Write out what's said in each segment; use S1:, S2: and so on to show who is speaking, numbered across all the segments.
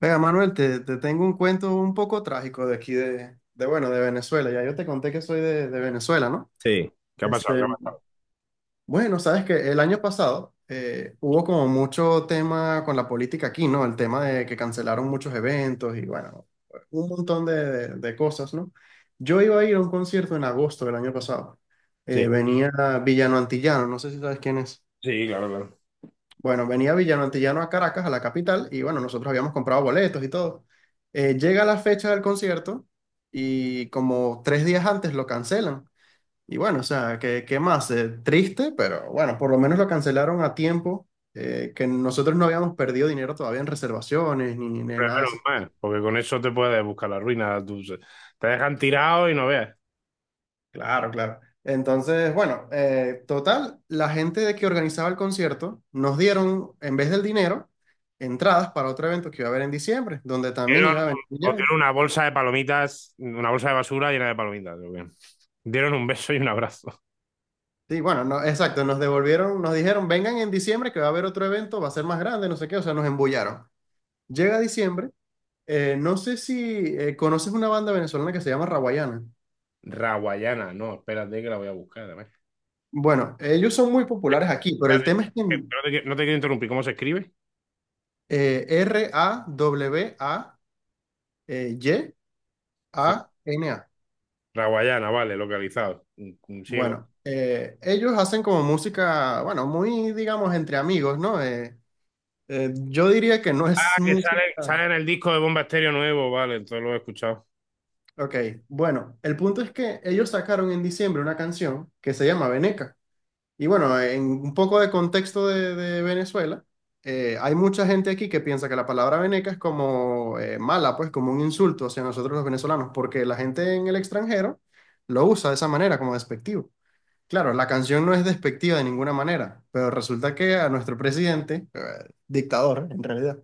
S1: Venga, Manuel, te tengo un cuento un poco trágico de aquí de, bueno, de Venezuela. Ya yo te conté que soy de Venezuela, ¿no?
S2: Sí, ¿qué ha pasado? ¿Qué
S1: Este,
S2: ha pasado?
S1: bueno, sabes que el año pasado hubo como mucho tema con la política aquí, ¿no? El tema de que cancelaron muchos eventos y bueno, un montón de cosas, ¿no? Yo iba a ir a un concierto en agosto del año pasado.
S2: Sí,
S1: Venía Villano Antillano, no sé si sabes quién es.
S2: sí, claro, claro.
S1: Bueno, venía Villano Antillano a Caracas, a la capital, y bueno, nosotros habíamos comprado boletos y todo. Llega la fecha del concierto y como tres días antes lo cancelan. Y bueno, o sea, ¿qué más? Triste, pero bueno, por lo menos lo cancelaron a tiempo, que nosotros no habíamos perdido dinero todavía en reservaciones ni
S2: Pero
S1: nada de
S2: menos
S1: eso.
S2: mal, porque con eso te puedes buscar la ruina. Te dejan tirado y no veas.
S1: Claro, claro. Entonces, bueno, total, la gente de que organizaba el concierto nos dieron, en vez del dinero, entradas para otro evento que iba a haber en diciembre, donde también
S2: Dieron,
S1: iba a venir ya.
S2: os dieron una bolsa de palomitas, una bolsa de basura llena de palomitas, creo que. Dieron un beso y un abrazo.
S1: Sí, bueno, no, exacto, nos devolvieron, nos dijeron, vengan en diciembre que va a haber otro evento, va a ser más grande, no sé qué, o sea, nos embullaron. Llega diciembre, no sé si conoces una banda venezolana que se llama Rawayana.
S2: Raguayana, no, espérate que la voy a buscar además.
S1: Bueno, ellos son muy populares aquí, pero el tema es que
S2: Espérate, que no te quiero interrumpir, ¿cómo se escribe?
S1: eh, Rawayana.
S2: Sí. Raguayana, vale, localizado. Un ciego.
S1: Bueno, ellos hacen como música, bueno, muy, digamos, entre amigos, ¿no? Yo diría que no
S2: Ah,
S1: es
S2: que sale,
S1: música.
S2: sale en el disco de Bomba Estéreo nuevo, vale, entonces lo he escuchado.
S1: Ok, bueno, el punto es que ellos sacaron en diciembre una canción que se llama Veneca. Y bueno, en un poco de contexto de Venezuela, hay mucha gente aquí que piensa que la palabra veneca es como mala, pues como un insulto hacia nosotros los venezolanos, porque la gente en el extranjero lo usa de esa manera, como despectivo. Claro, la canción no es despectiva de ninguna manera, pero resulta que a nuestro presidente, dictador en realidad,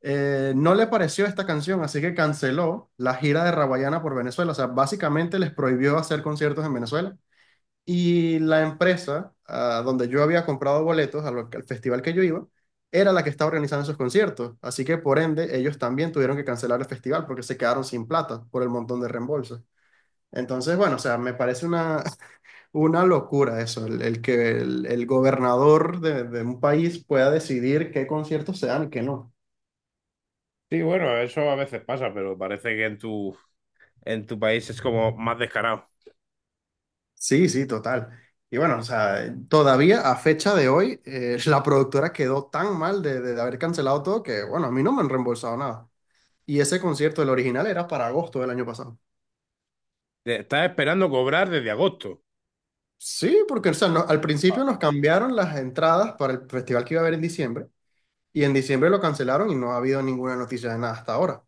S1: no le pareció esta canción, así que canceló la gira de Rawayana por Venezuela. O sea, básicamente les prohibió hacer conciertos en Venezuela. Y la empresa, ah, donde yo había comprado boletos al festival que yo iba, era la que estaba organizando esos conciertos. Así que por ende, ellos también tuvieron que cancelar el festival porque se quedaron sin plata por el montón de reembolsos. Entonces, bueno, o sea, me parece una locura eso, el que el gobernador de un país pueda decidir qué conciertos se dan y qué no.
S2: Sí, bueno, eso a veces pasa, pero parece que en tu país es como más descarado.
S1: Sí, sí, total. Y bueno, o sea, todavía a fecha de hoy, la productora quedó tan mal de haber cancelado todo que, bueno, a mí no me han reembolsado nada. Y ese concierto, el original, era para agosto del año pasado.
S2: Estás esperando cobrar desde agosto.
S1: Sí, porque o sea, al principio nos cambiaron las entradas para el festival que iba a haber en diciembre, y en diciembre lo cancelaron y no ha habido ninguna noticia de nada hasta ahora.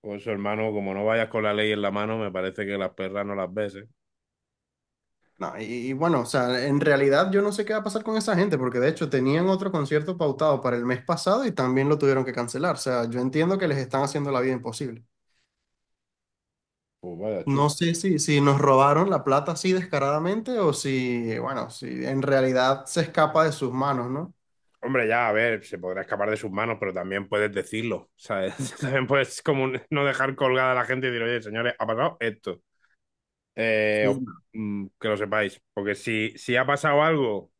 S2: Pues hermano, como no vayas con la ley en la mano, me parece que las perras no las ves, ¿eh?
S1: No, y bueno, o sea, en realidad yo no sé qué va a pasar con esa gente, porque de hecho tenían otro concierto pautado para el mes pasado y también lo tuvieron que cancelar. O sea, yo entiendo que les están haciendo la vida imposible.
S2: Pues vaya chuf.
S1: No sé si, si nos robaron la plata así descaradamente o si, bueno, si en realidad se escapa de sus manos, ¿no?
S2: Hombre, ya, a ver, se podrá escapar de sus manos, pero también puedes decirlo, ¿sabes? También puedes como no dejar colgada a la gente y decir, oye, señores, ha pasado esto. Eh, os- que lo sepáis, porque si ha pasado algo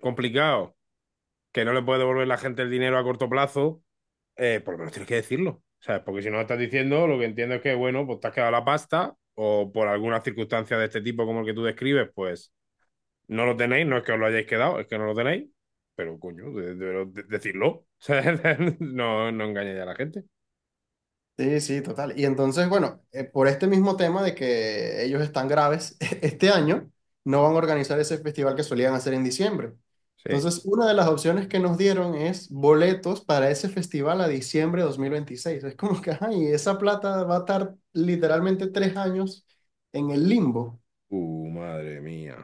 S2: complicado, que no le puede devolver la gente el dinero a corto plazo, por lo menos tienes que decirlo. ¿Sabes? Porque si no lo estás diciendo, lo que entiendo es que, bueno, pues te has quedado la pasta o por alguna circunstancia de este tipo como el que tú describes, pues no lo tenéis, no es que os lo hayáis quedado, es que no lo tenéis, pero coño, decidlo. ¿Sabes? No, no engañéis a la gente.
S1: Sí, sí, total. Y entonces, bueno, por este mismo tema de que ellos están graves, este año no van a organizar ese festival que solían hacer en diciembre.
S2: Sí.
S1: Entonces, una de las opciones que nos dieron es boletos para ese festival a diciembre de 2026. Es como que, ajá, y esa plata va a estar literalmente 3 años en el limbo.
S2: Madre mía,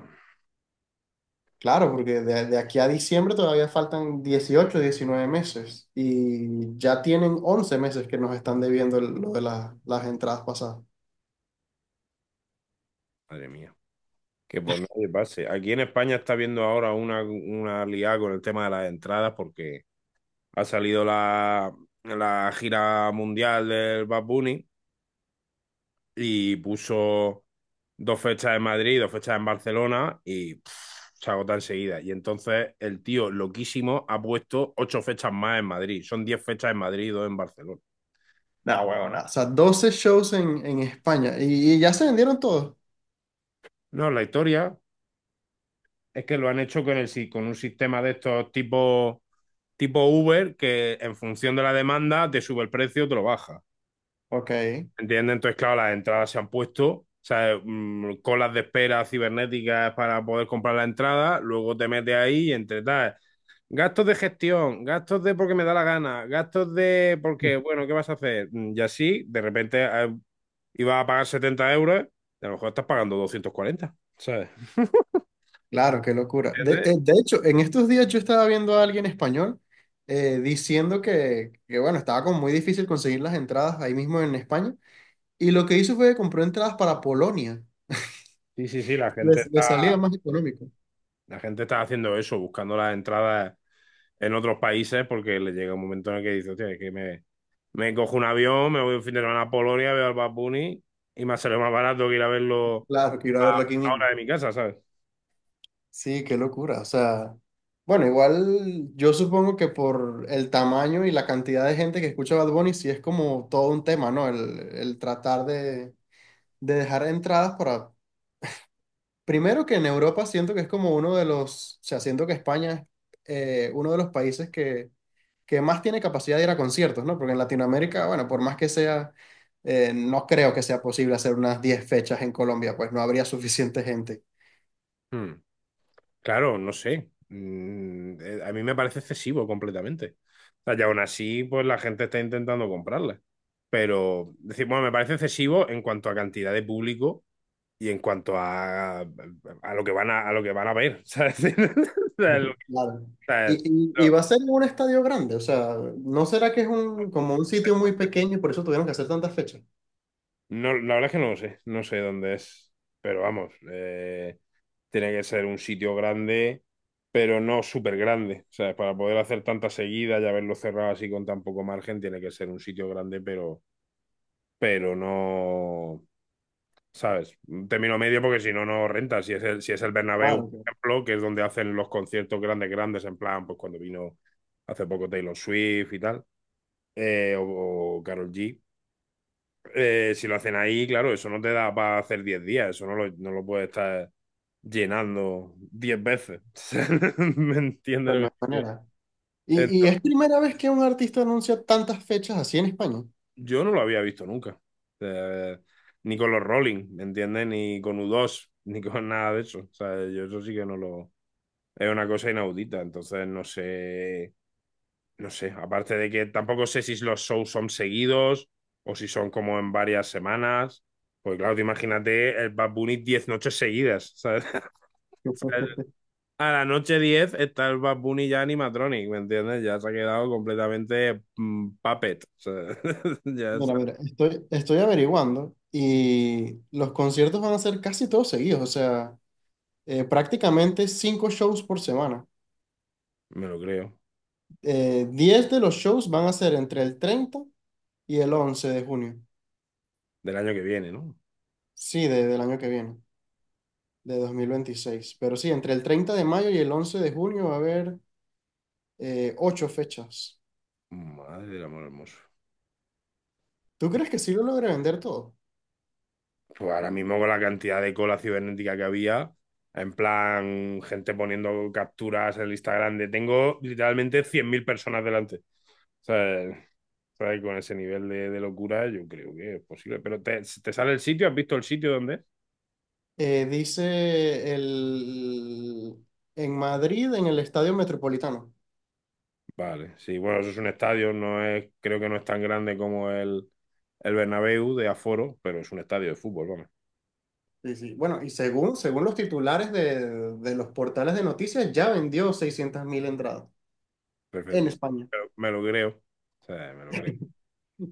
S1: Claro, porque de aquí a diciembre todavía faltan 18, 19 meses y ya tienen 11 meses que nos están debiendo lo de las entradas pasadas.
S2: madre mía. Que por nadie pase. Aquí en España está viendo ahora una liada con el tema de las entradas porque ha salido la gira mundial del Bad Bunny y puso dos fechas en Madrid, dos fechas en Barcelona y pff, se agota enseguida. Y entonces el tío loquísimo ha puesto ocho fechas más en Madrid. Son 10 fechas en Madrid y dos en Barcelona.
S1: Nah, huevón, nah. O sea, 12 shows en España y ya se vendieron todos.
S2: No, la historia es que lo han hecho con, el, si- con un sistema de estos tipo, Uber, que en función de la demanda te sube el precio o te lo baja.
S1: Ok,
S2: ¿Entiendes? Entonces, claro, las entradas se han puesto, o sea, colas de espera cibernéticas para poder comprar la entrada, luego te metes ahí y entre tal. Gastos de gestión, gastos de porque me da la gana, gastos de porque, bueno, ¿qué vas a hacer? Y así, de repente ibas a pagar 70 euros, y a lo mejor estás pagando 240, ¿sabes?
S1: claro, qué locura. De,
S2: ¿Entiendes?
S1: eh, de hecho, en estos días yo estaba viendo a alguien español diciendo que, bueno, estaba como muy difícil conseguir las entradas ahí mismo en España. Y lo que hizo fue que compró entradas para Polonia.
S2: Sí, sí, sí, la gente.
S1: Les salía más económico.
S2: La gente está haciendo eso, buscando las entradas en otros países porque le llega un momento en el que dice, hostia, es que me cojo un avión, me voy un fin de semana a Polonia, veo al Bad Bunny y me sale más barato que ir a verlo
S1: Claro, quiero
S2: a
S1: verlo aquí
S2: una hora
S1: mismo.
S2: de mi casa, ¿sabes?
S1: Sí, qué locura. O sea, bueno, igual yo supongo que por el tamaño y la cantidad de gente que escucha Bad Bunny, sí es como todo un tema, ¿no? El tratar de dejar entradas para... Primero que en Europa siento que es como o sea, siento que España es uno de los países que más tiene capacidad de ir a conciertos, ¿no? Porque en Latinoamérica, bueno, por más que sea, no creo que sea posible hacer unas 10 fechas en Colombia, pues no habría suficiente gente.
S2: Hmm. Claro, no sé. A mí me parece excesivo completamente. O sea, y aún así, pues la gente está intentando comprarla. Pero, es decir, bueno, me parece excesivo en cuanto a cantidad de público y en cuanto a lo que van a lo que van a ver, ¿sabes? O sea,
S1: Claro.
S2: sea,
S1: Y
S2: lo-
S1: va a ser en un estadio grande, o sea, ¿no será que es como un sitio muy pequeño y por eso tuvieron que hacer tantas fechas?
S2: no, la verdad es que no lo sé, no sé dónde es, pero vamos, tiene que ser un sitio grande, pero no súper grande. O sea, para poder hacer tanta seguida y haberlo cerrado así con tan poco margen, tiene que ser un sitio grande, pero no, ¿sabes? Un término medio porque si no, no renta. Si es el Bernabéu,
S1: Claro,
S2: por
S1: claro,
S2: ejemplo, que es donde hacen los conciertos grandes, grandes, en plan, pues cuando vino hace poco Taylor Swift y tal, o Carol G. Si lo hacen ahí, claro, eso no te da para hacer 10 días, eso no lo puedes estar llenando 10 veces. ¿Me entiendes
S1: pero
S2: lo que
S1: no hay
S2: te quiero?
S1: manera. Y
S2: Entonces,
S1: es primera vez que un artista anuncia tantas fechas así en España.
S2: yo no lo había visto nunca. Eh, Ni con los Rolling, ¿me entiendes? Ni con U2 ni con nada de eso. O sea, yo eso sí que no lo... Es una cosa inaudita, entonces no sé, aparte de que tampoco sé si los shows son seguidos o si son como en varias semanas. Pues claro, te imagínate el Bad Bunny 10 noches seguidas, ¿sabes? ¿Sabes? A la noche 10 está el Bad Bunny ya animatronic, ¿me entiendes? Ya se ha quedado completamente puppet, o sea, ya se-
S1: Mira, mira, estoy averiguando y los conciertos van a ser casi todos seguidos, o sea, prácticamente cinco shows por semana.
S2: me lo creo.
S1: 10 de los shows van a ser entre el 30 y el 11 de junio,
S2: Del año que viene, ¿no?
S1: sí, del año que viene. De 2026. Pero sí, entre el 30 de mayo y el 11 de junio va a haber ocho fechas.
S2: Madre del amor hermoso.
S1: ¿Tú crees que sí lo logre vender todo?
S2: Pues ahora mismo con la cantidad de cola cibernética que había, en plan, gente poniendo capturas en el Instagram de tengo literalmente 100.000 personas delante. O sea, ¿sabes? Con ese nivel de locura, yo creo que es posible. Pero te sale el sitio, ¿has visto el sitio donde es?
S1: Dice en Madrid, en el Estadio Metropolitano.
S2: Vale, sí, bueno, eso es un estadio, no es, creo que no es tan grande como el Bernabéu de aforo, pero es un estadio de fútbol, vamos.
S1: Sí, sí. Bueno, y según los titulares de los portales de noticias, ya vendió 600.000 entradas en
S2: Perfecto.
S1: España.
S2: Pero me lo creo. O sea, me lo creo.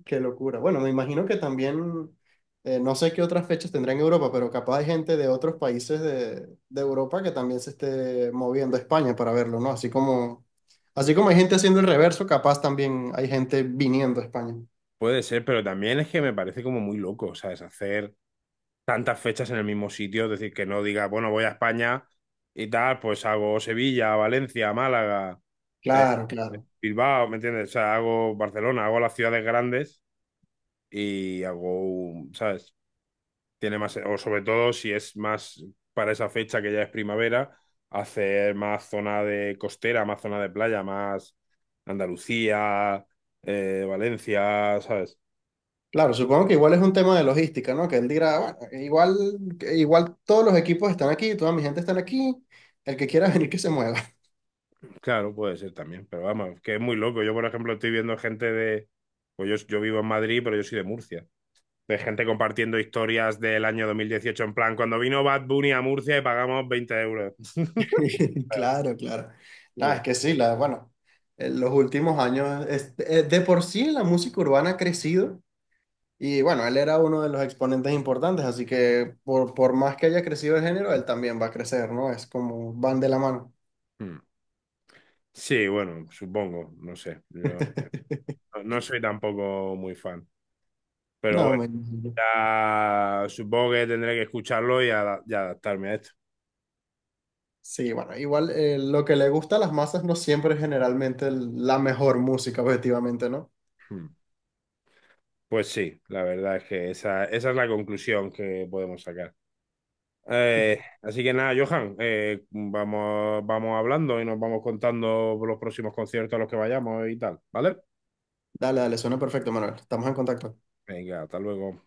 S1: Qué locura. Bueno, me imagino que también, no sé qué otras fechas tendrá en Europa, pero capaz hay gente de otros países de Europa que también se esté moviendo a España para verlo, ¿no? Así como hay gente haciendo el reverso, capaz también hay gente viniendo a España.
S2: Puede ser, pero también es que me parece como muy loco, ¿sabes? Hacer tantas fechas en el mismo sitio, es decir, que no diga, bueno, voy a España y tal, pues hago Sevilla, Valencia, Málaga, eh,
S1: Claro, claro.
S2: Bilbao, ¿me entiendes? O sea, hago Barcelona, hago las ciudades grandes y hago, un- ¿sabes? Tiene más, o sobre todo si es más para esa fecha que ya es primavera, hacer más zona de costera, más zona de playa, más Andalucía, Valencia, ¿sabes?
S1: Claro, supongo que igual es un tema de logística, ¿no? Que él dirá, bueno, igual, todos los equipos están aquí, toda mi gente está aquí, el que quiera venir que se mueva.
S2: Claro, puede ser también, pero vamos, que es muy loco. Yo, por ejemplo, estoy viendo gente de... Pues yo vivo en Madrid, pero yo soy de Murcia. De gente compartiendo historias del año 2018 en plan, cuando vino Bad Bunny a Murcia y pagamos 20 euros.
S1: Claro, claro. No,
S2: Sí.
S1: es que sí, la, bueno, en los últimos años, es de por sí la música urbana ha crecido y bueno, él era uno de los exponentes importantes, así que por más que haya crecido el género, él también va a crecer, ¿no? Es como van de la mano.
S2: Mm. Sí, bueno, supongo, no sé. Yo no soy tampoco muy fan. Pero
S1: No,
S2: bueno,
S1: me...
S2: ya supongo que tendré que escucharlo y adaptarme a esto.
S1: Sí, bueno, igual lo que le gusta a las masas no siempre es generalmente el- la mejor música, objetivamente, ¿no?
S2: Mm. Pues sí, la verdad es que esa es la conclusión que podemos sacar. Así que nada, Johan, vamos, vamos hablando y nos vamos contando los próximos conciertos a los que vayamos y tal, ¿vale?
S1: Dale, dale, suena perfecto, Manuel. Estamos en contacto.
S2: Venga, hasta luego.